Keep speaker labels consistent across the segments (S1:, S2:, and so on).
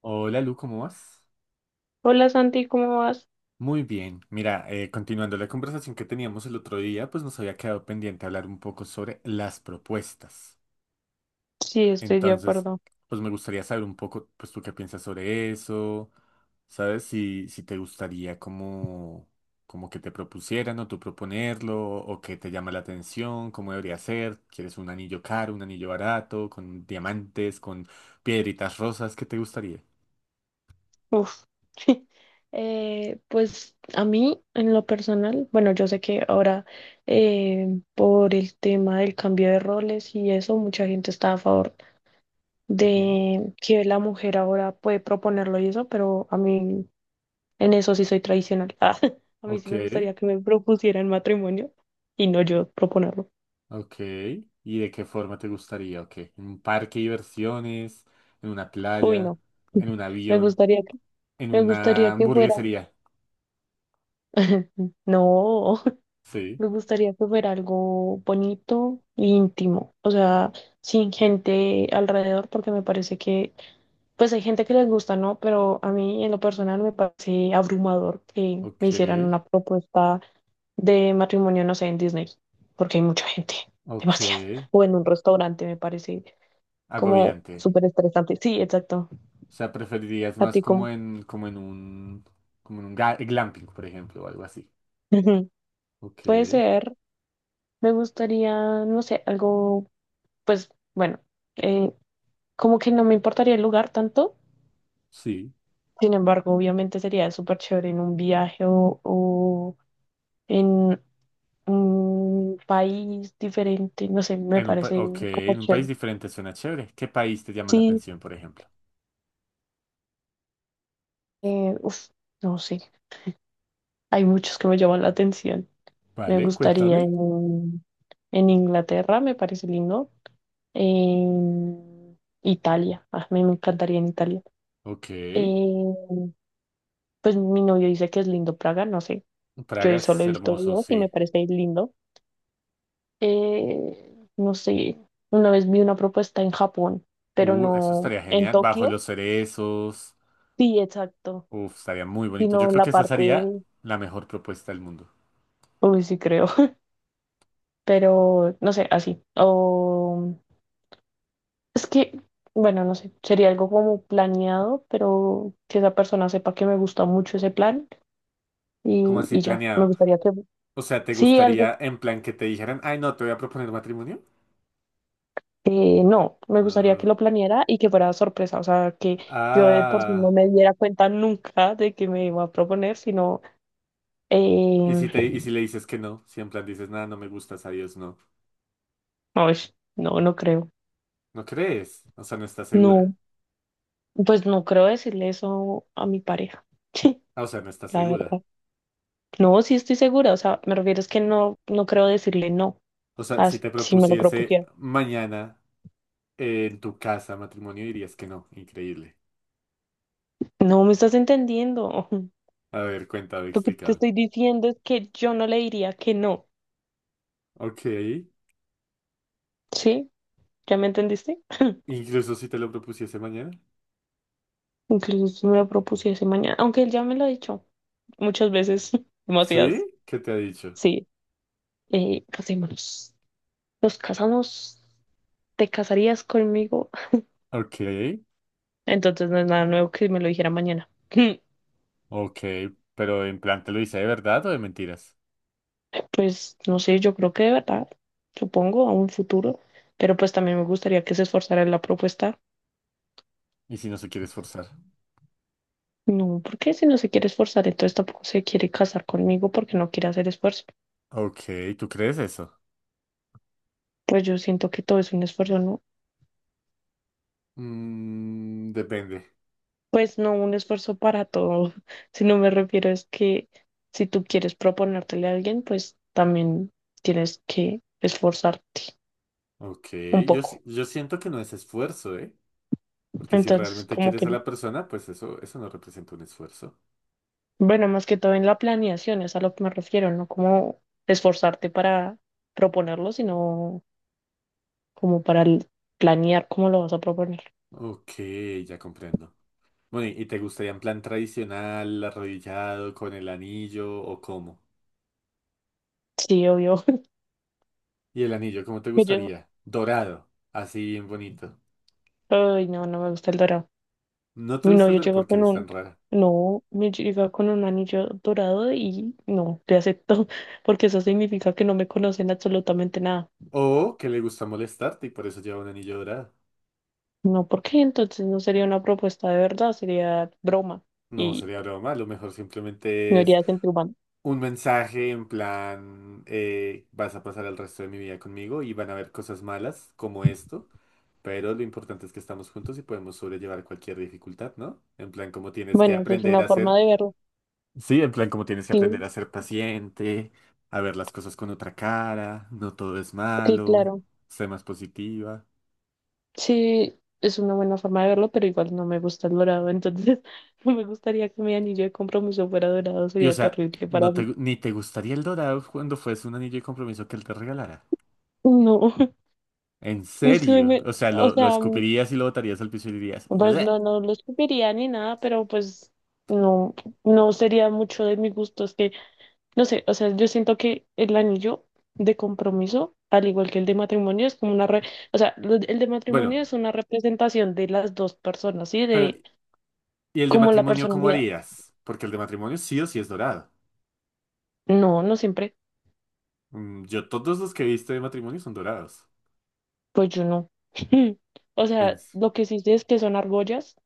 S1: Hola Lu, ¿cómo vas?
S2: Hola Santi, ¿cómo vas?
S1: Muy bien. Mira, continuando la conversación que teníamos el otro día, pues nos había quedado pendiente hablar un poco sobre las propuestas.
S2: Sí, estoy de
S1: Entonces,
S2: acuerdo.
S1: pues me gustaría saber un poco, pues tú qué piensas sobre eso, ¿sabes? Si te gustaría como, como que te propusieran o tú proponerlo, o qué te llama la atención, cómo debería ser, ¿quieres un anillo caro, un anillo barato, con diamantes, con piedritas rosas? ¿Qué te gustaría?
S2: Uf. Pues a mí, en lo personal, bueno, yo sé que ahora eh, por el tema del cambio de roles y eso, mucha gente está a favor
S1: Ujú.
S2: de que la mujer ahora puede proponerlo y eso, pero a mí en eso sí soy tradicional. Ah, a mí sí
S1: Ok.
S2: me gustaría que me propusieran matrimonio y no yo proponerlo.
S1: Ok. ¿Y de qué forma te gustaría? Ok. ¿En un parque de diversiones? ¿En una
S2: Uy,
S1: playa?
S2: no,
S1: ¿En un
S2: me
S1: avión?
S2: gustaría que,
S1: ¿En
S2: me
S1: una
S2: gustaría que fuera.
S1: hamburguesería?
S2: No.
S1: Sí.
S2: Me gustaría que fuera algo bonito e íntimo, o sea, sin gente alrededor, porque me parece que, pues hay gente que les gusta, ¿no? Pero a mí en lo personal me parece abrumador que me
S1: Ok.
S2: hicieran una propuesta de matrimonio, no sé, en Disney, porque hay mucha gente,
S1: Ok.
S2: demasiado. O en un restaurante me parece como
S1: Agobiante.
S2: súper estresante. Sí, exacto.
S1: O sea, preferirías
S2: A
S1: más
S2: ti
S1: como
S2: como.
S1: en, como en un ga- glamping, por ejemplo, o algo así. Ok.
S2: Puede ser, me gustaría, no sé, algo, pues bueno. eh, Como que no me importaría el lugar tanto.
S1: Sí.
S2: Sin embargo, obviamente sería súper chévere en un viaje o en un país diferente. No sé, me parece
S1: Ok.
S2: como
S1: En un país
S2: chévere.
S1: diferente suena chévere. ¿Qué país te llama la
S2: Sí,
S1: atención, por ejemplo?
S2: eh, uf, no sé. Hay muchos que me llaman la atención. Me
S1: Vale,
S2: gustaría
S1: cuéntame.
S2: en, en Inglaterra, me parece lindo. En Italia, ah, me encantaría en Italia.
S1: Ok.
S2: Eh, pues mi novio dice que es lindo Praga, no sé.
S1: Praga
S2: Yo solo
S1: es
S2: he visto
S1: hermoso,
S2: videos y me
S1: sí.
S2: parece lindo. No sé, una vez vi una propuesta en Japón, pero
S1: Eso
S2: no
S1: estaría
S2: en
S1: genial. Bajo
S2: Tokio,
S1: los cerezos.
S2: sí, exacto,
S1: Uf, estaría muy bonito. Yo
S2: sino en
S1: creo
S2: la
S1: que esa
S2: parte,
S1: sería
S2: uy,
S1: la mejor propuesta del mundo.
S2: sí creo, pero no sé, así. O es que, bueno, no sé, sería algo como planeado, pero que esa persona sepa que me gusta mucho ese plan
S1: ¿Cómo
S2: y,
S1: así
S2: ya, me
S1: planeado?
S2: gustaría que,
S1: O sea, ¿te
S2: sí, algo.
S1: gustaría en plan que te dijeran, ay, no, te voy a proponer matrimonio?
S2: No, me gustaría que
S1: Ah.
S2: lo planeara y que fuera sorpresa, o sea, que yo de por sí no
S1: Ah.
S2: me diera cuenta nunca de que me iba a proponer, sino Eh,
S1: ¿Y y si le dices que no? Si en plan dices, nada, no me gustas, adiós, no.
S2: ay, no, no creo.
S1: ¿No crees? O sea, no estás segura.
S2: No, pues no creo decirle eso a mi pareja. Sí,
S1: Ah, o sea, no estás
S2: la
S1: segura.
S2: verdad. No, sí estoy segura. O sea, me refiero es que no, no creo decirle no,
S1: O sea, si te
S2: si me lo
S1: propusiese
S2: propusiera.
S1: mañana en tu casa matrimonio, dirías que no. Increíble.
S2: No me estás entendiendo.
S1: A ver, cuéntame,
S2: Lo que te
S1: explícame.
S2: estoy diciendo es que yo no le diría que no.
S1: Ok.
S2: ¿Sí? ¿Ya me entendiste?
S1: Incluso si te lo propusiese mañana.
S2: Incluso si me lo propusiese mañana, aunque él ya me lo ha dicho muchas veces, demasiadas.
S1: ¿Sí? ¿Qué te ha dicho?
S2: Sí, casémonos. Nos casamos. ¿Te casarías conmigo?
S1: Ok,
S2: Entonces no es nada nuevo que me lo dijera mañana.
S1: ok, pero en plan, ¿te lo dice de verdad o de mentiras?
S2: Pues no sé, yo creo que de verdad, supongo, a un futuro, pero pues también me gustaría que se esforzara en la propuesta.
S1: ¿Y si no se quiere esforzar?
S2: No, porque si no se quiere esforzar, entonces tampoco se quiere casar conmigo porque no quiere hacer esfuerzo.
S1: Ok, ¿tú crees eso?
S2: Pues yo siento que todo es un esfuerzo, ¿no?
S1: Mm, depende.
S2: Pues no un esfuerzo para todo, sino me refiero es que si tú quieres proponértele a alguien, pues también tienes que esforzarte
S1: Ok,
S2: un poco.
S1: yo siento que no es esfuerzo, ¿eh? Porque si
S2: Entonces,
S1: realmente
S2: como
S1: quieres a
S2: que
S1: la persona, pues eso no representa un esfuerzo.
S2: bueno, más que todo en la planeación, es a lo que me refiero, no como esforzarte para proponerlo, sino como para el- planear cómo lo vas a proponer.
S1: Ok, ya comprendo. Bueno, ¿y te gustaría en plan tradicional, arrodillado, con el anillo o cómo?
S2: Sí, obvio.
S1: Y el anillo, ¿cómo te
S2: Que yo,
S1: gustaría? Dorado, así bien bonito.
S2: ay, no, no me gusta el dorado.
S1: No te
S2: Mi
S1: gusta el
S2: novio
S1: dorado
S2: llegó
S1: porque
S2: con
S1: eres tan
S2: un,
S1: rara.
S2: No, me llega con un anillo dorado y no, te acepto, porque eso significa que no me conocen absolutamente nada.
S1: O que le gusta molestarte y por eso lleva un anillo dorado.
S2: No, ¿por qué? Entonces no sería una propuesta de verdad, sería broma
S1: No
S2: y
S1: sería broma, lo mejor simplemente
S2: no
S1: es
S2: iría sentido humano.
S1: un mensaje en plan, vas a pasar el resto de mi vida conmigo y van a haber cosas malas como esto, pero lo importante es que estamos juntos y podemos sobrellevar cualquier dificultad, ¿no? En plan, como tienes que
S2: Bueno, esa es
S1: aprender
S2: una
S1: a
S2: forma
S1: ser.
S2: de verlo.
S1: Sí, en plan como tienes que
S2: Sí,
S1: aprender a ser paciente, a ver las cosas con otra cara, no todo es
S2: sí,
S1: malo,
S2: claro.
S1: ser más positiva.
S2: Sí, es una buena forma de verlo, pero igual no me gusta el dorado, entonces no me gustaría que mi anillo de compromiso fuera dorado,
S1: Y o
S2: sería
S1: sea,
S2: terrible para mí.
S1: ni te gustaría el dorado cuando fuese un anillo de compromiso que él te regalara.
S2: No,
S1: En serio. O sea,
S2: o
S1: lo
S2: sea,
S1: escupirías y lo botarías al piso y dirías,
S2: pues
S1: "Bleh".
S2: no, no lo escupiría ni nada, pero pues no, no sería mucho de mi gusto, es que, no sé, o sea, yo siento que el anillo de compromiso, al igual que el de matrimonio, es como o sea, el de
S1: Bueno,
S2: matrimonio es una representación de las dos personas, ¿sí?
S1: pero
S2: De
S1: ¿y el de
S2: como la
S1: matrimonio cómo
S2: personalidad.
S1: harías? Porque el de matrimonio sí o sí es dorado.
S2: No, no siempre.
S1: Mm, yo todos los que he visto de matrimonio son dorados.
S2: Pues yo no. O
S1: En-
S2: sea, lo que sí sé es que son argollas,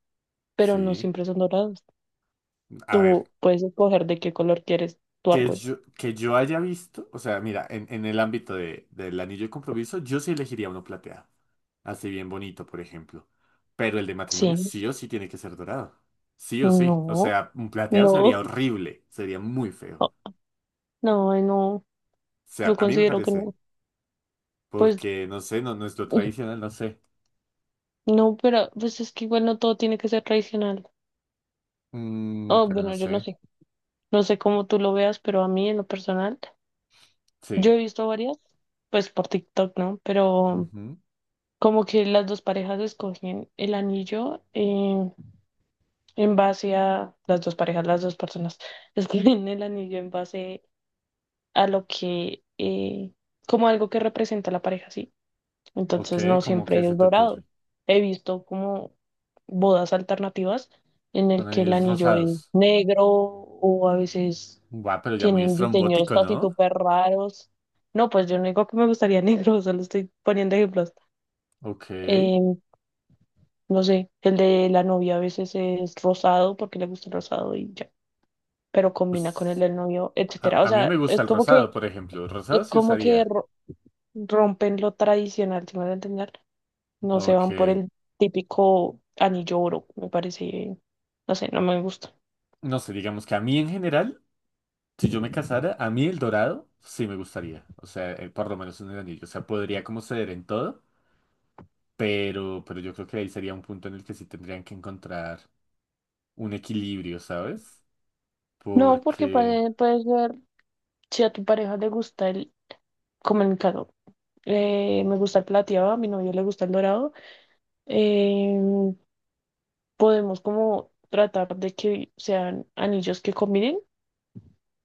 S2: pero no
S1: Sí.
S2: siempre son doradas.
S1: A ver.
S2: Tú puedes escoger de qué color quieres tu
S1: Que
S2: argolla.
S1: yo, que yo haya visto, o sea, mira, en el ámbito del anillo de compromiso, yo sí elegiría uno plateado, así bien bonito, por ejemplo. Pero el de matrimonio
S2: Sí.
S1: sí o sí tiene que ser dorado. Sí o sí. O
S2: No,
S1: sea, un plateado sería
S2: no,
S1: horrible, sería muy feo. O
S2: no, no, ay, no.
S1: sea,
S2: Yo
S1: a mí me
S2: considero que
S1: parece,
S2: no. Pues
S1: porque no sé, no es lo tradicional, no sé.
S2: no, pero pues es que igual no todo tiene que ser tradicional.
S1: Mm,
S2: Oh,
S1: pero no
S2: bueno, yo no
S1: sé,
S2: sé. No sé cómo tú lo veas, pero a mí en lo personal, yo
S1: sí.
S2: he visto varias, pues por TikTok, ¿no? Pero
S1: Ujú.
S2: como que las dos parejas escogen el anillo. En base a las dos parejas, las dos personas, escriben el anillo en base a lo que, como algo que representa a la pareja, ¿sí?
S1: Ok,
S2: Entonces no
S1: ¿cómo que
S2: siempre
S1: se
S2: es
S1: te ocurre?
S2: dorado. He visto como bodas alternativas en el
S1: Con
S2: que el
S1: anillos
S2: anillo es
S1: rosados.
S2: negro o a veces
S1: Guau, pero ya muy
S2: tienen diseños
S1: estrombótico,
S2: así
S1: ¿no?
S2: súper raros. No, pues yo no digo que me gustaría negro, solo estoy poniendo ejemplos.
S1: Ok.
S2: Em, no sé, el de la novia a veces es rosado porque le gusta el rosado y ya, pero combina con el
S1: Pues
S2: del novio,
S1: A,
S2: etcétera. O
S1: a mí me
S2: sea,
S1: gusta el rosado, por ejemplo. Rosado
S2: es
S1: sí
S2: como que
S1: usaría.
S2: rompen lo tradicional, si me voy a entender. No se
S1: Ok.
S2: van por el típico anillo oro, me parece, no sé, no me gusta.
S1: No sé, digamos que a mí en general, si yo me casara, a mí el dorado sí me gustaría. O sea, por lo menos en el anillo. O sea, podría como ceder en todo, pero yo creo que ahí sería un punto en el que sí tendrían que encontrar un equilibrio, ¿sabes?
S2: No, porque
S1: Porque,
S2: puedes ver si a tu pareja le gusta el, como en mi caso, me gusta el plateado, a mi novio le gusta el dorado. eh, Podemos como tratar de que sean anillos que combinen,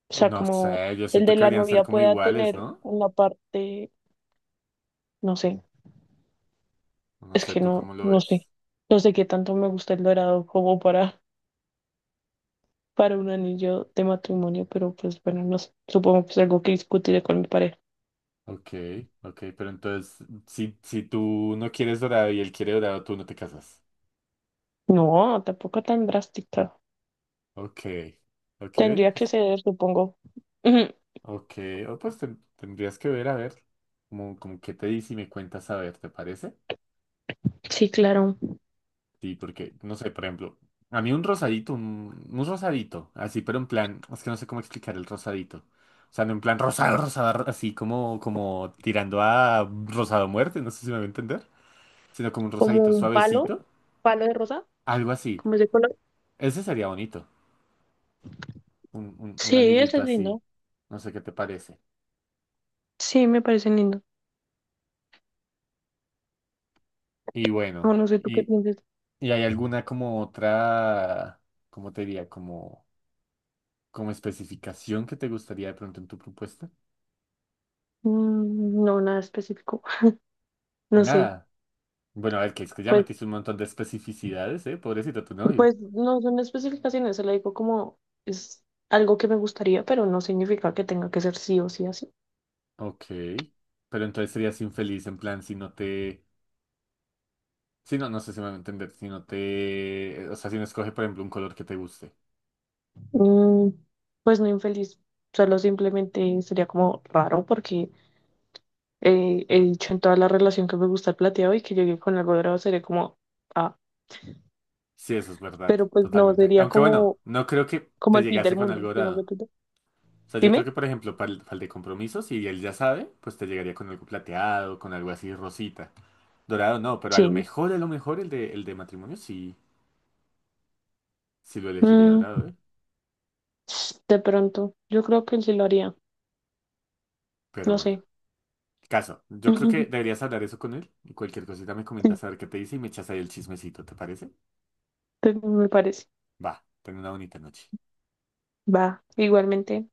S2: o sea,
S1: no
S2: como
S1: sé, yo
S2: el
S1: siento
S2: de
S1: que
S2: la
S1: deberían ser
S2: novia
S1: como
S2: pueda
S1: iguales,
S2: tener
S1: ¿no?
S2: una parte, no sé.
S1: No
S2: Es
S1: sé,
S2: que
S1: ¿tú
S2: no,
S1: cómo lo
S2: no sé.
S1: ves?
S2: No sé qué tanto me gusta el dorado como para un anillo de matrimonio, pero pues bueno, no sé. Supongo que es algo que discutiré con mi pareja.
S1: Ok, ok, pero entonces, si tú no quieres dorado y él quiere dorado, tú no te casas.
S2: No, tampoco tan drástica.
S1: Ok, ok, oye,
S2: Tendría que
S1: pues,
S2: ceder, supongo. Ujú.
S1: ok, o pues tendrías que ver, a ver, como qué te dice y me cuentas, a ver, ¿te parece?
S2: Sí, claro.
S1: Sí, porque, no sé, por ejemplo, a mí un rosadito, un rosadito, así, pero en plan, es que no sé cómo explicar el rosadito. O sea, no en plan rosado así como, como tirando a rosado a muerte, no sé si me voy a entender, sino como un
S2: Como
S1: rosadito
S2: un palo,
S1: suavecito,
S2: palo de rosa,
S1: algo así.
S2: como ese color.
S1: Ese sería bonito, un
S2: Sí, ese
S1: anillito
S2: es
S1: así,
S2: lindo.
S1: no sé qué te parece.
S2: Sí, me parece lindo.
S1: Y
S2: No,
S1: bueno.
S2: no sé tú qué piensas.
S1: ¿Y hay alguna como otra, cómo te diría, como, como especificación que te gustaría de pronto en tu propuesta?
S2: Mm, no, nada específico. No sé.
S1: Nada. Bueno, a ver, que es que ya
S2: Pues
S1: metiste un montón de especificidades, ¿eh? Pobrecito tu novio.
S2: pues no son especificaciones, se le digo como es algo que me gustaría, pero no significa que tenga que ser sí o sí así.
S1: Ok. Pero entonces serías infeliz en plan si no te... Si no, no sé si me voy a entender. Si no te... O sea, si no escoge, por ejemplo, un color que te guste.
S2: Mm, pues no infeliz, solo simplemente sería como raro porque he dicho en toda la relación que me gusta el plateado y que llegué con algo dorado sería como, ah,
S1: Sí, eso es verdad.
S2: pero pues no,
S1: Totalmente.
S2: sería
S1: Aunque bueno,
S2: como,
S1: no creo que
S2: como
S1: te
S2: el fin
S1: llegase
S2: del
S1: con algo
S2: mundo.
S1: dorado. O sea, yo creo
S2: Dime.
S1: que, por ejemplo, para el de compromiso, si él ya sabe, pues te llegaría con algo plateado, con algo así rosita. Dorado no, pero
S2: Sí.
S1: a lo mejor el de matrimonio sí, sí lo elegiría
S2: Mm,
S1: dorado, ¿eh?
S2: de pronto, yo creo que él sí lo haría,
S1: Pero
S2: no
S1: bueno,
S2: sé.
S1: caso. Yo creo que deberías hablar eso con él y cualquier cosita me
S2: Sí,
S1: comentas a ver qué te dice y me echas ahí el chismecito, ¿te parece?
S2: me parece.
S1: Va, ten una bonita noche.
S2: Va, igualmente.